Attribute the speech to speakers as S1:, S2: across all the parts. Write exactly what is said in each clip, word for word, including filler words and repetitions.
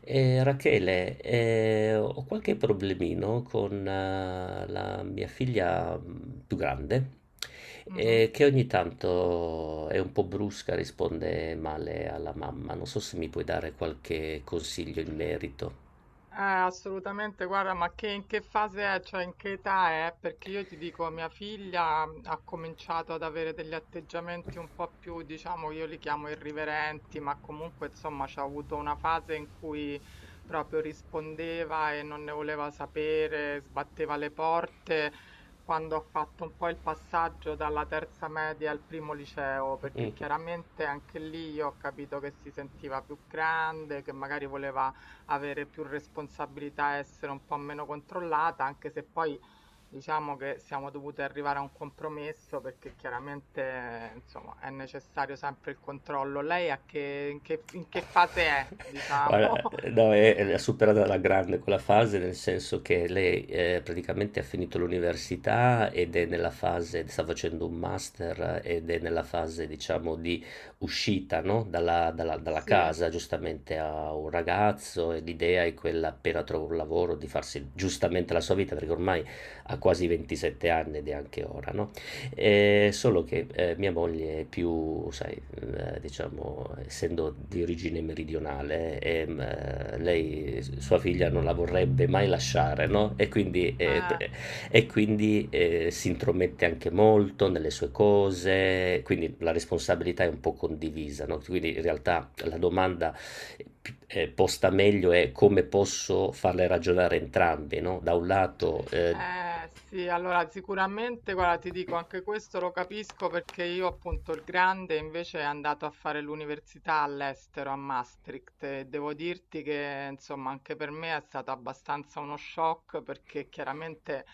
S1: Eh, Rachele, eh, ho qualche problemino con eh, la mia figlia mh, più grande,
S2: Mhm.
S1: eh, che ogni tanto è un po' brusca, risponde male alla mamma. Non so se mi puoi dare qualche consiglio in merito.
S2: Eh, assolutamente, guarda, ma che, in che fase è, cioè in che età è? Perché io ti dico, mia figlia mm, ha cominciato ad avere degli atteggiamenti un po' più, diciamo, io li chiamo irriverenti, ma comunque, insomma, c'ha avuto una fase in cui proprio rispondeva e non ne voleva sapere, sbatteva le porte. Quando ho fatto un po' il passaggio dalla terza media al primo liceo, perché chiaramente anche lì io ho capito che si sentiva più grande, che magari voleva avere più responsabilità e essere un po' meno controllata, anche se poi diciamo che siamo dovuti arrivare a un compromesso perché chiaramente, insomma, è necessario sempre il controllo. Lei a che, in che, in che fase è, diciamo?
S1: Guarda, ehm, no, è l'ha superata alla grande quella fase, nel senso che lei, ehm, praticamente ha finito l'università ed è nella fase sta facendo un master eh, ed è nella fase, diciamo, di uscita, no, dalla dalla dalla
S2: Sì,
S1: casa. Giustamente ha un ragazzo e l'idea è quella, appena trova un lavoro, di farsi giustamente la sua vita, perché ormai ha quasi ventisette anni ed è anche ora, no? Ehm, solo che, ehm, mia moglie è più, sai, ehm, diciamo, essendo di origine meridionale, ehm, eh, lei s sua figlia non la vorrebbe mai lasciare, no, e quindi ehm,
S2: eh.
S1: pre e quindi, ehm, si intromette anche molto nelle sue cose, quindi la responsabilità è un po' condivisa, no, quindi in realtà la domanda p ehm, posta meglio è: come posso farle ragionare entrambi, no, da un lato, ehm
S2: Eh sì, allora sicuramente, guarda, ti dico, anche questo lo capisco perché io appunto il grande invece è andato a fare l'università all'estero, a Maastricht, e devo dirti che insomma anche per me è stato abbastanza uno shock perché chiaramente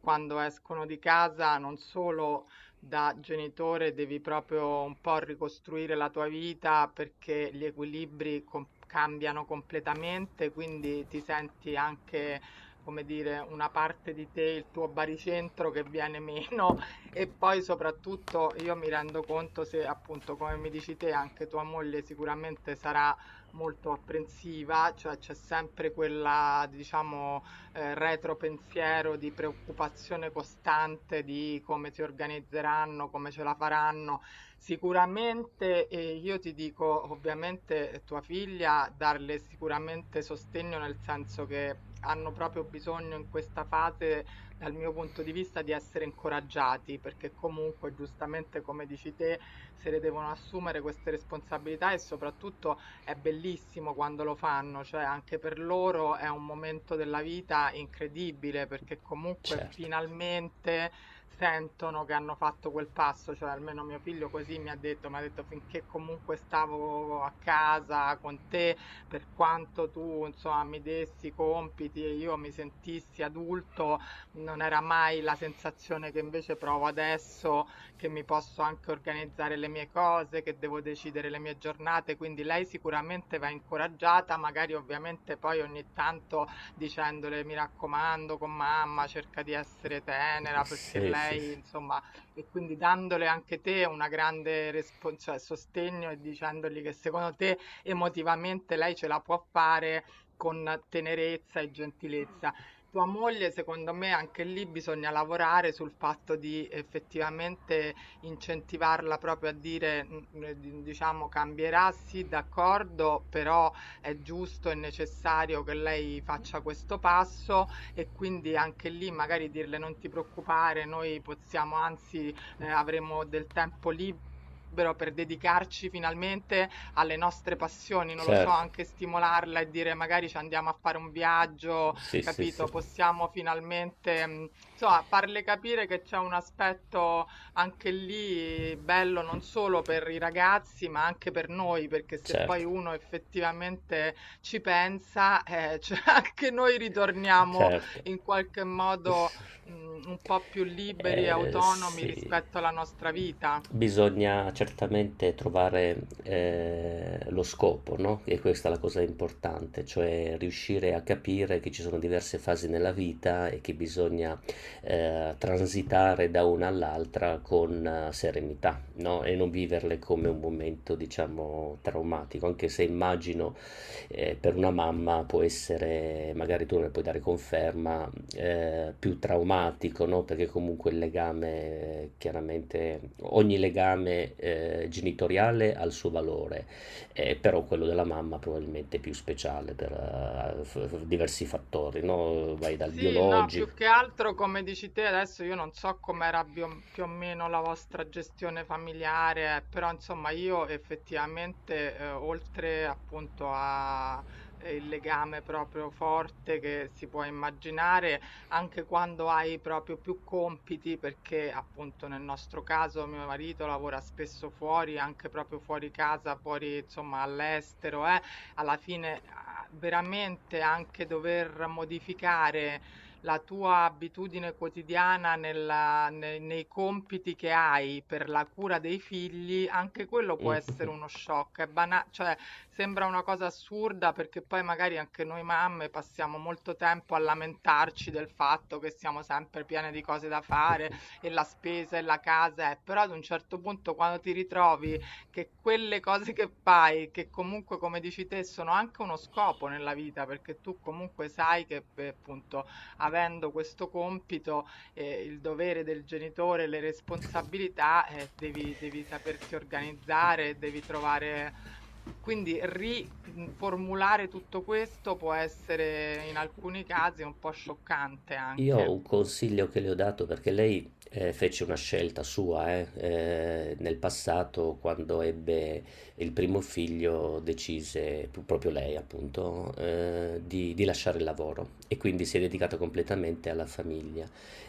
S2: quando escono di casa non solo da genitore devi proprio un po' ricostruire la tua vita perché gli equilibri com- cambiano completamente, quindi ti senti anche come dire, una parte di te, il tuo baricentro che viene meno. E poi soprattutto io mi rendo conto se appunto, come mi dici te, anche tua moglie sicuramente sarà molto apprensiva, cioè c'è sempre quella, diciamo, eh, retropensiero di preoccupazione costante di come si organizzeranno, come ce la faranno. Sicuramente, eh, io ti dico, ovviamente, eh, tua figlia, darle sicuramente sostegno nel senso che hanno proprio bisogno in questa fase, dal mio punto di vista, di essere incoraggiati, perché comunque, giustamente, come dici te, se le devono assumere queste responsabilità e soprattutto è bellissimo quando lo fanno, cioè anche per loro è un momento della vita incredibile perché comunque
S1: certo.
S2: finalmente sentono che hanno fatto quel passo, cioè almeno mio figlio così mi ha detto, mi ha detto finché comunque stavo a casa con te, per quanto tu insomma mi dessi i compiti e io mi sentissi adulto, non era mai la sensazione che invece provo adesso che mi posso anche organizzare le mie cose, che devo decidere le mie giornate, quindi lei sicuramente va incoraggiata, magari ovviamente poi ogni tanto dicendole mi raccomando con mamma, cerca di essere tenera perché
S1: Sì, sì, sì.
S2: lei insomma. E quindi dandole anche te una grande respon- cioè, sostegno e dicendogli che secondo te emotivamente lei ce la può fare con tenerezza e gentilezza. Tua moglie, secondo me anche lì bisogna lavorare sul fatto di effettivamente incentivarla proprio a dire, mhmm, ehm, di diciamo: "Cambierà, sì, d'accordo, però è giusto e necessario che lei faccia questo passo", e quindi anche lì magari dirle: "Non ti preoccupare, noi possiamo anzi, ehm, avremo del tempo libero per dedicarci finalmente alle nostre passioni", non lo so,
S1: Certo,
S2: anche stimolarla e dire magari: "Ci andiamo a fare un viaggio,
S1: sì, sì, sì,
S2: capito, possiamo finalmente, mhmm, insomma, farle capire che c'è un aspetto anche lì bello non solo per i ragazzi, ma anche per noi, perché se
S1: certo,
S2: poi uno effettivamente ci pensa, eh, cioè anche noi ritorniamo
S1: certo.
S2: in qualche modo, mhmm, un po' più liberi e
S1: Eh,
S2: autonomi
S1: sì,
S2: rispetto alla nostra vita.
S1: bisogna certamente trovare eh, lo scopo, no? E questa è la cosa importante, cioè riuscire a capire che ci sono diverse fasi nella vita e che bisogna eh, transitare da una all'altra con eh, serenità, no? E non viverle come un momento, diciamo, traumatico, anche se immagino eh, per una mamma può essere, magari tu ne puoi dare conferma, eh, più traumatico, no? Perché comunque il legame, eh, chiaramente, ogni legame eh, genitoriale ha il suo valore, eh, però quello della mamma probabilmente è più speciale per eh, f- f- diversi fattori, no? Vai dal
S2: Sì, no, più
S1: biologico.
S2: che altro come dici te adesso io non so com'era bio- più o meno la vostra gestione familiare, eh, però insomma io effettivamente eh, oltre appunto a eh, il legame proprio forte che si può immaginare, anche quando hai proprio più compiti, perché appunto nel nostro caso mio marito lavora spesso fuori, anche proprio fuori casa, fuori insomma all'estero, eh alla fine a- veramente anche dover modificare la tua abitudine quotidiana nella- ne- nei compiti che hai per la cura dei figli, anche quello può essere uno shock. È bana- cioè, sembra una cosa assurda perché poi magari anche noi mamme passiamo molto tempo a lamentarci del fatto che siamo sempre piene di cose da fare e la spesa e la casa, eh, però ad un certo punto quando ti ritrovi che quelle cose che fai, che comunque come dici te sono anche uno scopo nella vita, perché tu comunque sai che eh, appunto avendo questo compito, eh, il dovere del genitore, le
S1: Mhm.
S2: responsabilità, eh, devi, devi saperti organizzare, devi trovare... Quindi riformulare tutto questo può essere in alcuni casi un po' scioccante
S1: Io ho
S2: anche.
S1: un consiglio che le ho dato perché lei eh, fece una scelta sua, eh, eh, nel passato quando ebbe il primo figlio decise, pu- proprio lei appunto, eh, di, di lasciare il lavoro e quindi si è
S2: Mm.
S1: dedicata completamente alla famiglia.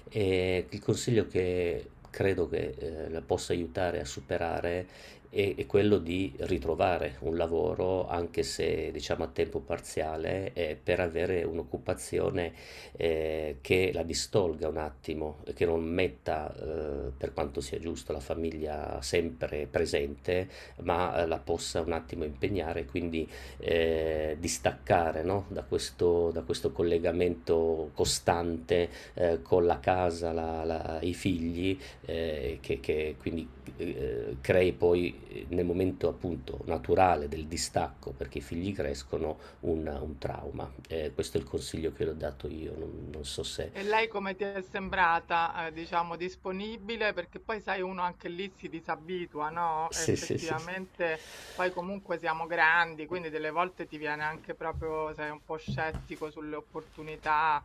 S1: E il consiglio che credo che eh, la possa aiutare a superare e, e quello di ritrovare un lavoro, anche se diciamo a tempo parziale, eh, per avere un'occupazione eh, che la distolga un attimo, che non metta, eh, per quanto sia giusto, la famiglia sempre presente, ma eh, la possa un attimo impegnare, quindi eh, distaccare no? da questo, da questo collegamento costante eh, con la casa, la- la- i figli eh, che, che quindi eh, crei poi eh, nel momento appunto naturale del distacco perché i figli crescono un, un trauma. Eh, questo è il consiglio che ho dato io, non, non so se...
S2: E lei come ti è sembrata, eh, diciamo, disponibile? Perché poi sai, uno anche lì si disabitua, no?
S1: se, se, se- se.
S2: Effettivamente, poi comunque siamo grandi, quindi delle volte ti viene anche proprio, sei un po' scettico sulle opportunità.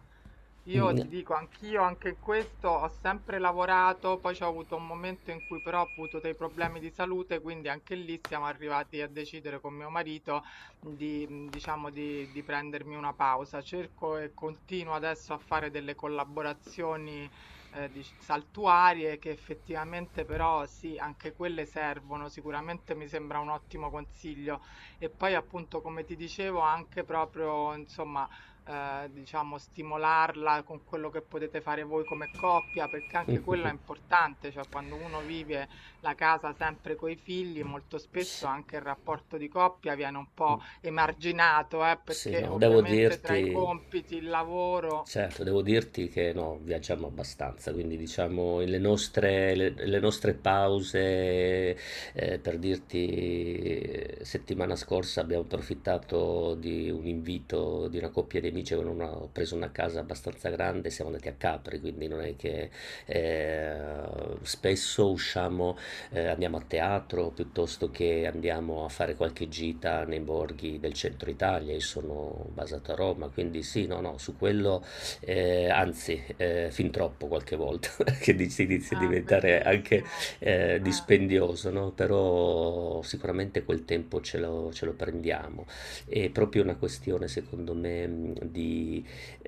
S2: Io
S1: Mm,
S2: ti dico, anch'io anche in questo ho sempre lavorato, poi c'ho avuto un momento in cui però ho avuto dei problemi di salute, quindi anche lì siamo arrivati a decidere con mio marito di mhmm, diciamo di di prendermi una pausa. Cerco e continuo adesso a fare delle collaborazioni, ehm, dic saltuarie che effettivamente però sì, anche quelle servono. Sicuramente mi sembra un ottimo consiglio. E poi appunto, come ti dicevo, anche proprio insomma, ehm, diciamo stimolarla con quello che potete fare voi come coppia, perché anche quello è importante, cioè quando uno vive la casa sempre coi figli, molto spesso
S1: sì.
S2: anche il rapporto di coppia viene un po' emarginato, eh,
S1: Sì,
S2: perché
S1: no, devo
S2: ovviamente tra i
S1: dirti,
S2: compiti, il lavoro.
S1: certo, devo dirti che no, viaggiamo abbastanza, quindi diciamo le nostre, le- le nostre pause, eh, per dirti, eh, settimana scorsa abbiamo approfittato di un invito di una coppia di amici che hanno preso una casa abbastanza grande, siamo andati a Capri, quindi non è che eh, spesso usciamo eh, andiamo a teatro piuttosto che andiamo a fare qualche gita nei borghi del centro Italia. Io sono basato a Roma, quindi sì, no, no, su quello eh, anzi, eh, fin troppo qualche volta, che dici- inizia a
S2: Ah,
S1: diventare anche
S2: bellissimo.
S1: eh,
S2: Eh.
S1: dispendioso, no? Però sicuramente quel tempo ce lo, ce lo prendiamo. È proprio una questione, secondo me, mh, di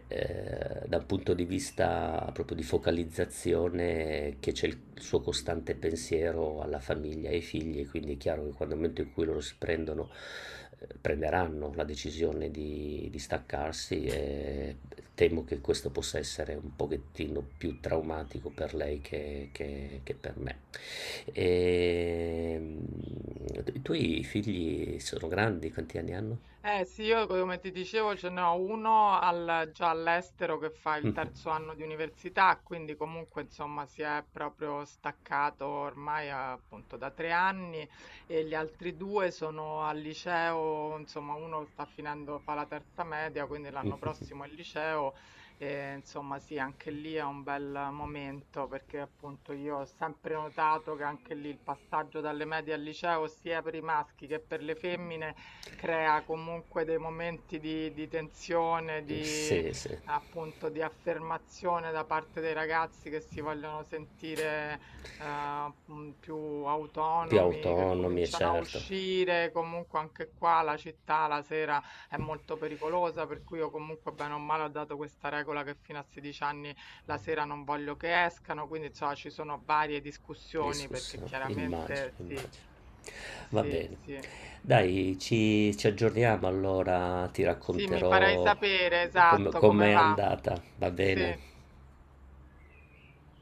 S1: eh, da un punto di vista proprio di focalizzazione che c'è il suo costante pensiero alla famiglia e ai figli, quindi è chiaro che quando nel momento in cui loro si prendono, eh, prenderanno la decisione di, di staccarsi, eh, temo che questo possa essere un pochettino più traumatico per lei che, che- che per me. E, i tuoi figli sono grandi, quanti anni hanno?
S2: Eh sì, io come ti dicevo ce n'ho uno al- già all'estero che fa il terzo anno di università, quindi comunque insomma si è proprio staccato ormai appunto da tre anni e gli altri due sono al liceo, insomma uno sta finendo, fa la terza media, quindi l'anno prossimo è il liceo e insomma sì, anche lì è un bel momento perché appunto io ho sempre notato che anche lì il passaggio dalle medie al liceo sia per i maschi che per le femmine crea comunque dei momenti di di tensione, di
S1: Sì, sì.
S2: appunto di affermazione da parte dei ragazzi che si vogliono sentire, ehm, mhmm, più
S1: Più
S2: autonomi, che
S1: autonomi, e
S2: cominciano a
S1: certo,
S2: uscire. Comunque anche qua la città la sera è molto pericolosa, per cui io comunque bene o male ho dato questa regola che fino a sedici anni la sera non voglio che escano, quindi insomma ci sono varie discussioni perché
S1: discussione, immagino,
S2: chiaramente sì,
S1: immagino. Va
S2: sì,
S1: bene.
S2: sì.
S1: Dai, ci, ci aggiorniamo allora, ti
S2: Sì, mi farai
S1: racconterò
S2: sapere,
S1: come,
S2: esatto, come
S1: com'è
S2: va.
S1: andata, va bene?
S2: Sì.